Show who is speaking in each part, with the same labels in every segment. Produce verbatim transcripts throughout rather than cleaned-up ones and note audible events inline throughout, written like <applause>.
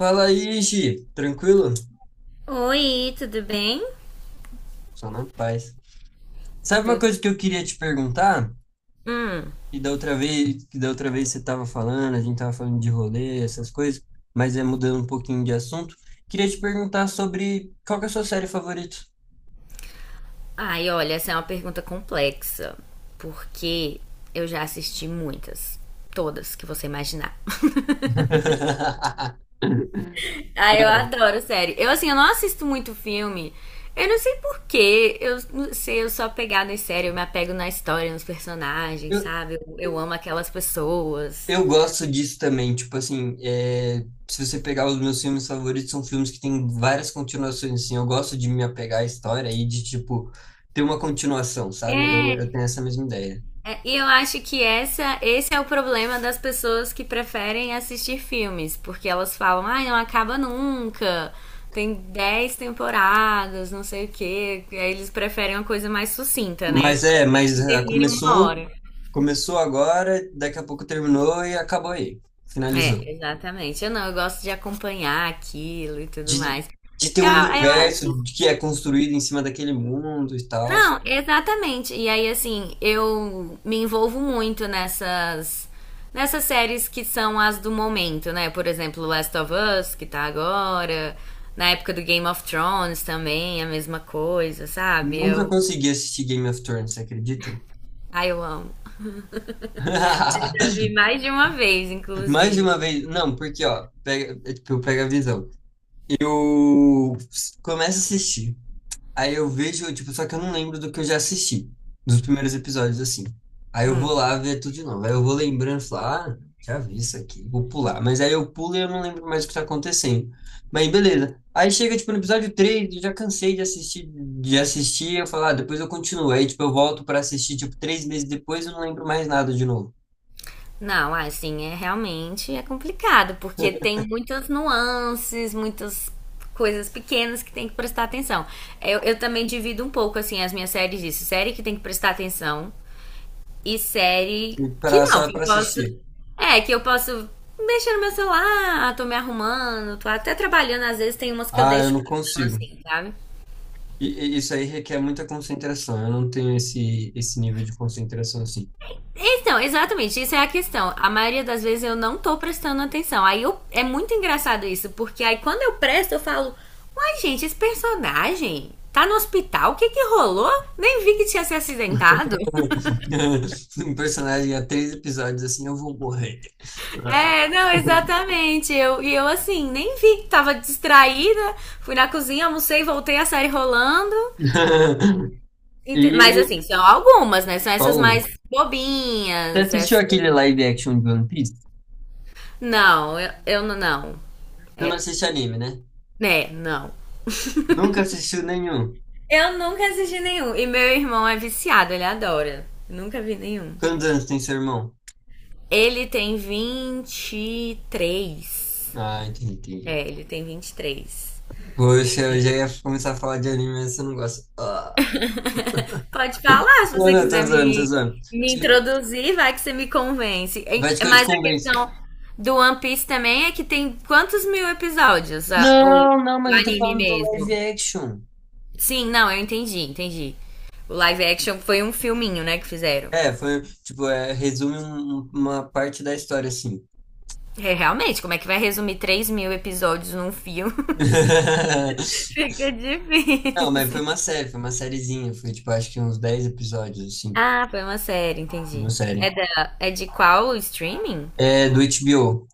Speaker 1: Fala aí, Gi. Tranquilo?
Speaker 2: Oi, tudo bem?
Speaker 1: Só na paz. Sabe uma
Speaker 2: Tudo?
Speaker 1: coisa que eu queria te perguntar?
Speaker 2: Hum.
Speaker 1: E da outra vez, que da outra vez você estava falando, a gente estava falando de rolê, essas coisas, mas é mudando um pouquinho de assunto. Queria te perguntar sobre qual que é a sua série favorita?
Speaker 2: Ai, olha, essa é uma pergunta complexa, porque eu já assisti muitas. Todas que você imaginar. <laughs>
Speaker 1: <laughs>
Speaker 2: Ai, eu
Speaker 1: Ah,
Speaker 2: adoro, sério. Eu, assim, eu não assisto muito filme. Eu não sei por quê. Eu não sei, eu sou apegada em série. Eu me apego na história, nos personagens,
Speaker 1: Eu,
Speaker 2: sabe? Eu, eu amo aquelas pessoas.
Speaker 1: Eu gosto disso também, tipo assim, é, se você pegar os meus filmes favoritos, são filmes que têm várias continuações, assim, eu gosto de me apegar à história e de, tipo, ter uma continuação, sabe? Eu, eu
Speaker 2: É.
Speaker 1: tenho essa mesma ideia.
Speaker 2: É, e eu acho que essa, esse é o problema das pessoas que preferem assistir filmes, porque elas falam, ai, não acaba nunca, tem dez temporadas, não sei o quê. E aí eles preferem uma coisa mais sucinta, né?
Speaker 1: Mas é, mas
Speaker 2: Que
Speaker 1: ah,
Speaker 2: termine em uma
Speaker 1: começou,
Speaker 2: hora.
Speaker 1: começou agora, daqui a pouco terminou e acabou aí,
Speaker 2: É,
Speaker 1: finalizou.
Speaker 2: exatamente. Eu não, eu gosto de acompanhar aquilo e tudo
Speaker 1: De,
Speaker 2: mais.
Speaker 1: de ter
Speaker 2: Eu,
Speaker 1: um
Speaker 2: eu
Speaker 1: universo
Speaker 2: acho
Speaker 1: de- que é construído em cima daquele mundo e tal.
Speaker 2: Não, exatamente. E aí, assim, eu me envolvo muito nessas. Nessas séries que são as do momento, né? Por exemplo, Last of Us, que tá agora. Na época do Game of Thrones também, a mesma coisa, sabe?
Speaker 1: Nunca
Speaker 2: Eu.
Speaker 1: consegui assistir Game of Thrones, você acredita?
Speaker 2: Ai, eu amo. Já vi
Speaker 1: <laughs>
Speaker 2: mais de uma vez,
Speaker 1: Mais de
Speaker 2: inclusive.
Speaker 1: uma vez, não, porque ó, pega, é, tipo, pega a visão. Eu começo a assistir, aí eu vejo, tipo, só que eu não lembro do que eu já assisti, dos primeiros episódios, assim. Aí eu vou lá ver tudo de novo, aí eu vou lembrando, falar, ah, já vi isso aqui, vou pular. Mas aí eu pulo e eu não lembro mais o que tá acontecendo. Mas beleza. Aí chega, tipo, no episódio três, eu já cansei de assistir, de assistir, eu falo, ah, depois eu continuo. Aí, tipo, eu volto pra assistir, tipo, três meses depois eu não lembro mais nada de novo.
Speaker 2: Não, assim, é realmente é complicado, porque tem muitas nuances, muitas coisas pequenas que tem que prestar atenção. Eu, eu também divido um pouco, assim, as minhas séries disso. Série que tem que prestar atenção e série
Speaker 1: E
Speaker 2: que
Speaker 1: pra,
Speaker 2: não,
Speaker 1: só
Speaker 2: que eu
Speaker 1: pra
Speaker 2: posso...
Speaker 1: assistir.
Speaker 2: É, que eu posso mexer no meu celular, tô me arrumando, tô até trabalhando. Às vezes tem umas que eu
Speaker 1: Ah, eu
Speaker 2: deixo
Speaker 1: não
Speaker 2: passando,
Speaker 1: consigo.
Speaker 2: assim, sabe?
Speaker 1: E, e isso aí requer muita concentração. Eu não tenho esse, esse nível de concentração assim.
Speaker 2: Então, exatamente, isso é a questão. A maioria das vezes eu não tô prestando atenção. Aí eu- é muito engraçado isso, porque aí quando eu presto, eu falo: uai, gente, esse personagem tá no hospital? O que que rolou? Nem vi que tinha se acidentado.
Speaker 1: <laughs> Um personagem há três episódios assim, eu vou morrer.
Speaker 2: É, não,
Speaker 1: <laughs>
Speaker 2: exatamente. Eu, e eu, assim, nem vi, tava distraída. Fui na cozinha, almocei, voltei a série rolando. Ente- Mas assim,
Speaker 1: E,
Speaker 2: são algumas, né? São essas
Speaker 1: Paulo,
Speaker 2: mais
Speaker 1: mano, você
Speaker 2: bobinhas.
Speaker 1: assistiu
Speaker 2: Essas...
Speaker 1: aquele live action de One Piece?
Speaker 2: Não, eu, eu não. Não.
Speaker 1: Tu não
Speaker 2: É,
Speaker 1: assiste anime, né?
Speaker 2: né, não.
Speaker 1: Nunca assistiu nenhum.
Speaker 2: Eu nunca assisti nenhum. E meu irmão é viciado, ele adora. Nunca vi nenhum.
Speaker 1: Quantos anos tem seu irmão?
Speaker 2: Ele tem vinte e três.
Speaker 1: Ah, entendi.
Speaker 2: É, ele tem vinte e três.
Speaker 1: Poxa, eu já ia começar a falar de anime, mas você não gosta. Ah,
Speaker 2: Pode falar se
Speaker 1: não,
Speaker 2: você
Speaker 1: não, tô
Speaker 2: quiser
Speaker 1: zoando, tô
Speaker 2: me,
Speaker 1: zoando.
Speaker 2: me introduzir, vai que você me convence. E-
Speaker 1: Vai que eu te
Speaker 2: Mas a
Speaker 1: convenço.
Speaker 2: questão do One Piece também é que tem quantos mil episódios a- o,
Speaker 1: Não, não,
Speaker 2: o
Speaker 1: mas eu tô
Speaker 2: anime
Speaker 1: falando do live
Speaker 2: mesmo?
Speaker 1: action.
Speaker 2: Sim, não, eu entendi, entendi. O live action foi um filminho, né, que fizeram.
Speaker 1: É, foi, tipo, é, resume um- um- uma parte da história, assim.
Speaker 2: É, realmente, como é que vai resumir três mil episódios num filme?
Speaker 1: <laughs>
Speaker 2: Fica
Speaker 1: Não, mas foi
Speaker 2: difícil. <laughs>
Speaker 1: uma série, foi uma sériezinha, foi, tipo, acho que uns dez episódios, assim,
Speaker 2: Ah, foi uma série,
Speaker 1: de
Speaker 2: entendi.
Speaker 1: uma
Speaker 2: É,
Speaker 1: série.
Speaker 2: da, é de qual streaming?
Speaker 1: É, do H B O.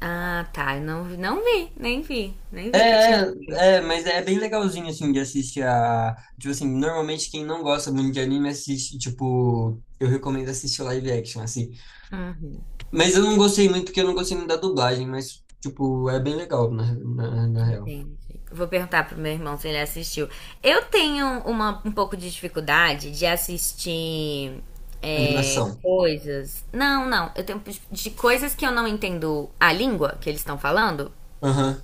Speaker 2: Ah, tá. Eu não, não vi, nem vi. Nem
Speaker 1: É,
Speaker 2: vi que tinha
Speaker 1: é,
Speaker 2: saído.
Speaker 1: é, mas é bem legalzinho, assim, de assistir a... Tipo assim, normalmente quem não gosta muito de anime assiste, tipo... Eu recomendo assistir live action, assim.
Speaker 2: Uhum,
Speaker 1: Mas eu não gostei muito, porque eu não gostei muito da dublagem, mas, tipo, é bem legal, na, na, na real.
Speaker 2: entendi. Vou perguntar pro meu irmão se ele assistiu. Eu tenho uma, um pouco de dificuldade de assistir, é,
Speaker 1: Animação.
Speaker 2: coisas. Não, não. Eu tenho, de coisas que eu não entendo a língua que eles estão falando.
Speaker 1: Aham,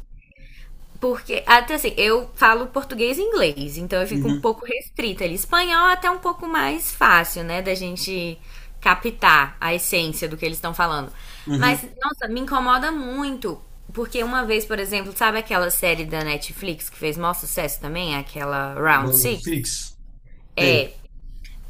Speaker 2: Porque, até assim, eu falo português e inglês, então eu fico um
Speaker 1: uhum,
Speaker 2: pouco restrita ali. Espanhol é até um pouco mais fácil, né, da gente captar a essência do que eles estão falando. Mas,
Speaker 1: uhum.
Speaker 2: nossa, me incomoda muito, porque uma vez, por exemplo, sabe aquela série da Netflix que fez maior sucesso também? Aquela Round
Speaker 1: Load
Speaker 2: Six?
Speaker 1: fixo. Sei.
Speaker 2: É,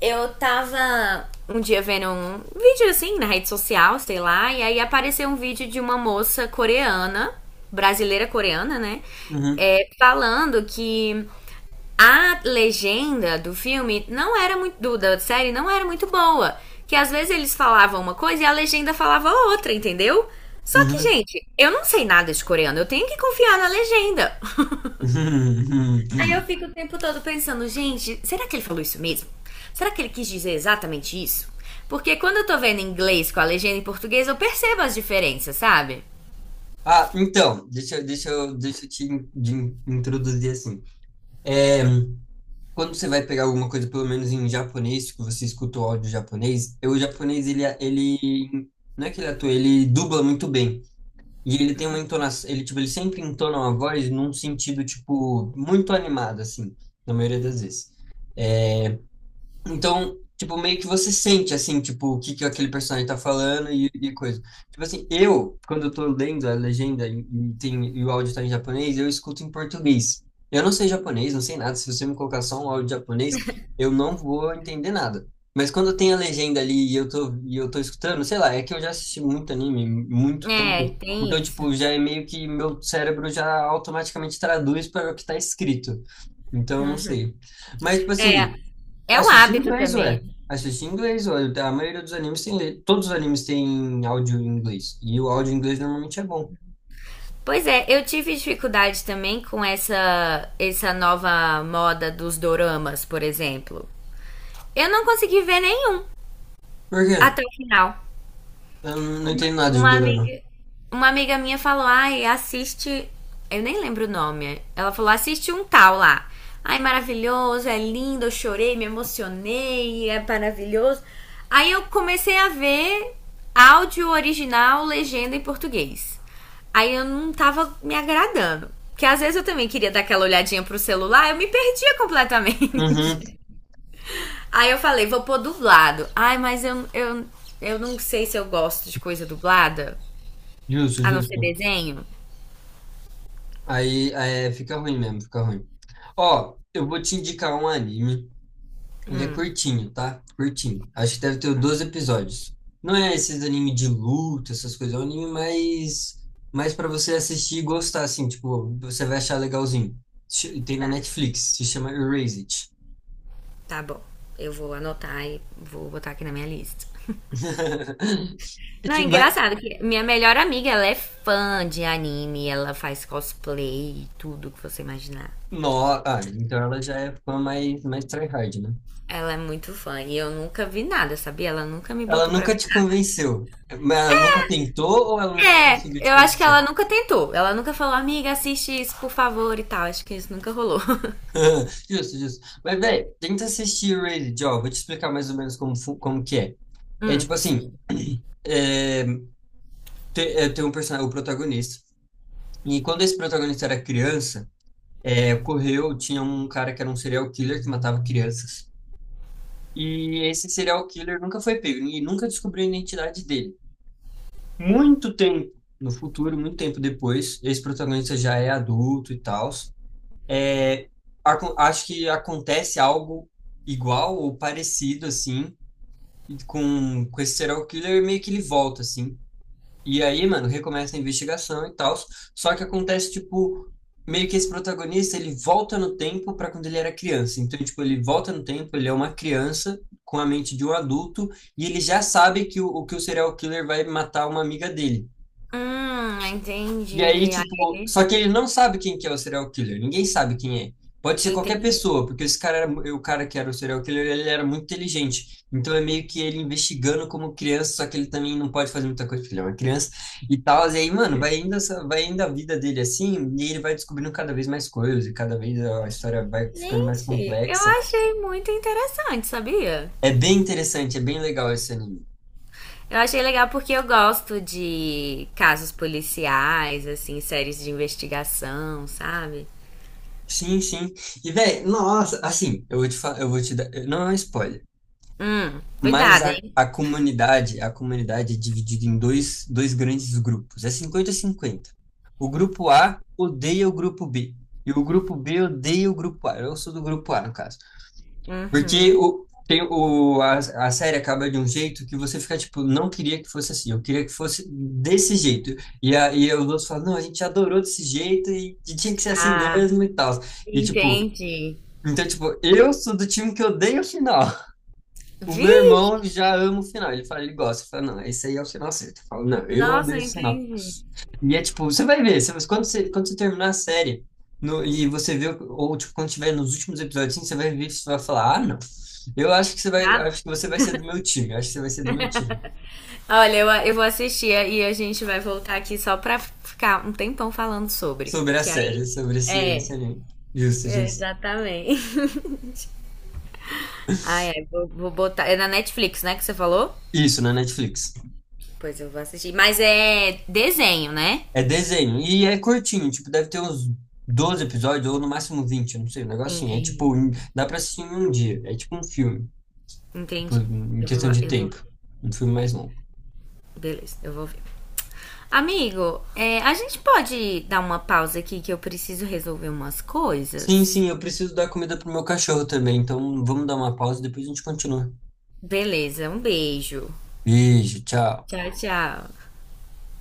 Speaker 2: eu tava um dia vendo um vídeo assim na rede social, sei lá, e aí apareceu um vídeo de uma moça coreana, brasileira coreana, né?
Speaker 1: Uhum,
Speaker 2: É, falando que a legenda do filme não era muito. Do, da série não era muito boa. Que às vezes eles falavam uma coisa e a legenda falava outra, entendeu? Só que,
Speaker 1: uhum,
Speaker 2: gente, eu não sei nada de coreano, eu tenho que confiar na legenda. <laughs>
Speaker 1: <laughs> uhum, uhum,
Speaker 2: Aí eu
Speaker 1: uhum.
Speaker 2: fico o tempo todo pensando, gente, será que ele falou isso mesmo? Será que ele quis dizer exatamente isso? Porque quando eu tô vendo em inglês com a legenda em português, eu percebo as diferenças, sabe?
Speaker 1: Ah, então, deixa, eu- deixa eu, deixa eu te in- de in- introduzir assim. É, quando você vai pegar alguma coisa, pelo menos em japonês, que você escuta o áudio japonês, eu, o japonês, ele, é, ele, não é que ele atua, ele dubla muito bem. E ele tem uma entonação, ele, tipo, ele sempre entona uma voz num sentido, tipo, muito animado, assim, na maioria das vezes. Então, tipo, meio que você sente, assim, tipo, o que que aquele personagem tá falando e, e coisa. Tipo assim, eu, quando eu tô lendo a legenda e, e tem, e o áudio tá em japonês, eu escuto em português. Eu não sei japonês, não sei nada. Se você me colocar só um áudio japonês, eu não vou entender nada. Mas quando tem a legenda ali e eu tô, e eu tô escutando, sei lá, é que eu já assisti muito anime, muito
Speaker 2: É,
Speaker 1: tempo. Então,
Speaker 2: tem isso.
Speaker 1: tipo, já é meio que meu cérebro já automaticamente traduz para o que tá escrito. Então, eu não sei. Mas, tipo assim...
Speaker 2: É um
Speaker 1: Assisti em
Speaker 2: hábito
Speaker 1: inglês,
Speaker 2: também.
Speaker 1: ué. Assisti em inglês, ué. A maioria dos animes tem. le- Todos os animes têm áudio em inglês. E o áudio em inglês normalmente é bom.
Speaker 2: Pois é, eu tive dificuldade também com essa essa nova moda dos doramas, por exemplo. Eu não consegui ver nenhum
Speaker 1: Por quê?
Speaker 2: até o final.
Speaker 1: Eu não não
Speaker 2: Uma,
Speaker 1: entendo nada de
Speaker 2: uma
Speaker 1: dorama.
Speaker 2: amiga uma amiga minha falou, ai, assiste. Eu nem lembro o nome. Ela falou, assiste um tal lá. Ai, maravilhoso, é lindo, eu chorei, me emocionei, é maravilhoso. Aí eu comecei a ver áudio original, legenda em português. Aí eu não tava me agradando. Porque às vezes eu também queria dar aquela olhadinha pro celular, eu me perdia
Speaker 1: Uhum.
Speaker 2: completamente. <laughs> Aí eu falei, vou pôr dublado. Ai, mas eu, eu, eu não sei se eu gosto de coisa dublada.
Speaker 1: Justo,
Speaker 2: A não ser
Speaker 1: justo.
Speaker 2: desenho?
Speaker 1: Aí, é, fica ruim mesmo, fica ruim. Ó, eu vou te indicar um anime. Ele é curtinho, tá? Curtinho. Acho que deve ter doze episódios. Não é esses anime de luta, essas coisas. É um anime mais, mais para você assistir e gostar, assim. Tipo, você vai achar legalzinho. Ch- Tem na
Speaker 2: Tá.
Speaker 1: Netflix. Se chama Erase It.
Speaker 2: Tá bom. Eu vou anotar e vou botar aqui na minha lista.
Speaker 1: <laughs>
Speaker 2: Não, é
Speaker 1: De- Mas,
Speaker 2: engraçado que minha melhor amiga, ela é fã de anime, ela faz cosplay, tudo que você imaginar.
Speaker 1: no, ah, então ela já é fã mais, mais tryhard, né?
Speaker 2: Ela é muito fã e eu nunca vi nada, sabia? Ela nunca me
Speaker 1: Ela
Speaker 2: botou pra
Speaker 1: nunca
Speaker 2: ver
Speaker 1: te
Speaker 2: nada.
Speaker 1: convenceu. Mas ela nunca tentou ou ela nunca
Speaker 2: É,
Speaker 1: conseguiu te
Speaker 2: eu acho que
Speaker 1: convencer?
Speaker 2: ela nunca tentou. Ela nunca falou, amiga, assiste isso, por favor, e tal. Acho que isso nunca rolou. <laughs>
Speaker 1: <laughs> Justo, justo. Mas, velho, tenta assistir Raid, ó. Vou te explicar mais ou menos como, fu- como que é. É
Speaker 2: Hum,
Speaker 1: tipo assim,
Speaker 2: sim.
Speaker 1: é, te- é, tem um personagem, o protagonista. E quando esse protagonista era criança, é, ocorreu, tinha um cara que era um serial killer que matava crianças. E esse serial killer nunca foi pego, e nunca descobriu a identidade dele. Muito tempo no futuro, muito tempo depois, esse protagonista já é adulto e tal. Acon- acho que acontece algo igual ou parecido assim e com, com esse serial killer meio que ele volta assim. E aí, mano, recomeça a investigação e tal. Só que acontece, tipo, meio que esse protagonista, ele volta no tempo para quando ele era criança. Então, tipo, ele volta no tempo, ele é uma criança com a mente de um adulto e ele já sabe que o, o- que o serial killer vai matar uma amiga dele.
Speaker 2: Hum,
Speaker 1: E aí,
Speaker 2: entendi. Ai.
Speaker 1: tipo, só que ele não sabe quem que é o serial killer. Ninguém sabe quem é. Pode ser qualquer
Speaker 2: Entendi.
Speaker 1: pessoa, porque esse cara era, mu- o cara que era o serial killer, ele era muito inteligente. Então é meio que ele investigando como criança, só que ele também não pode fazer muita coisa, porque ele é uma criança e tal. E aí, mano, vai indo, essa- vai indo a vida dele assim, e ele vai descobrindo cada vez mais coisas, e cada vez a história vai ficando mais
Speaker 2: Gente, eu
Speaker 1: complexa.
Speaker 2: achei muito interessante, sabia?
Speaker 1: É bem interessante, é bem legal esse anime.
Speaker 2: Eu achei legal porque eu gosto de casos policiais, assim, séries de investigação, sabe?
Speaker 1: Sim, sim. E, velho, nossa, assim, eu vou te falar, eu vou te dar, não é um spoiler.
Speaker 2: Hum,
Speaker 1: Mas
Speaker 2: cuidado,
Speaker 1: a,
Speaker 2: hein?
Speaker 1: a comunidade, a comunidade é dividida em dois, dois grandes grupos. É 50 cinquenta. O grupo A odeia o grupo B. E o grupo B odeia o grupo A. Eu sou do grupo A, no caso. Porque
Speaker 2: Uhum.
Speaker 1: o, tem o, a, a série acaba de um jeito que você fica tipo, não queria que fosse assim, eu queria que fosse desse jeito. E, a, e os outros falam, não, a gente adorou desse jeito e, e tinha que ser assim
Speaker 2: Ah,
Speaker 1: mesmo e tal. E tipo,
Speaker 2: entendi.
Speaker 1: então, tipo, eu sou do time que odeia o final. O meu irmão
Speaker 2: Vixe,
Speaker 1: já ama o final. Ele fala, ele gosta. Ele fala, não, esse aí é o final certo. Eu falo, não, eu odeio
Speaker 2: nossa,
Speaker 1: esse final.
Speaker 2: entendi.
Speaker 1: E é tipo, você vai ver, você, mas quando você, quando você terminar a série no- e você vê, o- ou tipo, quando tiver nos últimos episódios, assim, você vai ver, você vai falar, ah, não. Eu acho que você vai,
Speaker 2: Tá?
Speaker 1: Acho que você vai ser do meu time. Eu acho que você vai ser do meu time.
Speaker 2: Olha, eu, eu vou assistir e a gente vai voltar aqui só pra ficar um tempão falando sobre.
Speaker 1: Sobre a
Speaker 2: Que aí.
Speaker 1: série, sobre esse,
Speaker 2: É,
Speaker 1: esse anime. Justo,
Speaker 2: é,
Speaker 1: justo.
Speaker 2: exatamente. <laughs> Ah, é, vou, vou botar. É na Netflix, né, que você falou?
Speaker 1: Isso, na Netflix.
Speaker 2: Pois eu vou assistir. Mas é desenho, né?
Speaker 1: É desenho. E é curtinho, tipo, deve ter uns doze episódios, ou no máximo vinte, eu não sei, um negocinho. É
Speaker 2: Entendi.
Speaker 1: tipo, em- dá pra assistir em um dia. É tipo um filme. Por
Speaker 2: Entendi.
Speaker 1: em
Speaker 2: Eu
Speaker 1: questão
Speaker 2: vou,
Speaker 1: de
Speaker 2: eu vou ver.
Speaker 1: tempo. Um filme mais longo.
Speaker 2: Beleza, eu vou ver. Amigo, é, a gente pode dar uma pausa aqui que eu preciso resolver umas
Speaker 1: Sim,
Speaker 2: coisas?
Speaker 1: sim, eu preciso dar comida pro meu cachorro também, então vamos dar uma pausa e depois a gente continua.
Speaker 2: Beleza, um beijo.
Speaker 1: Beijo, tchau.
Speaker 2: Tchau, tchau.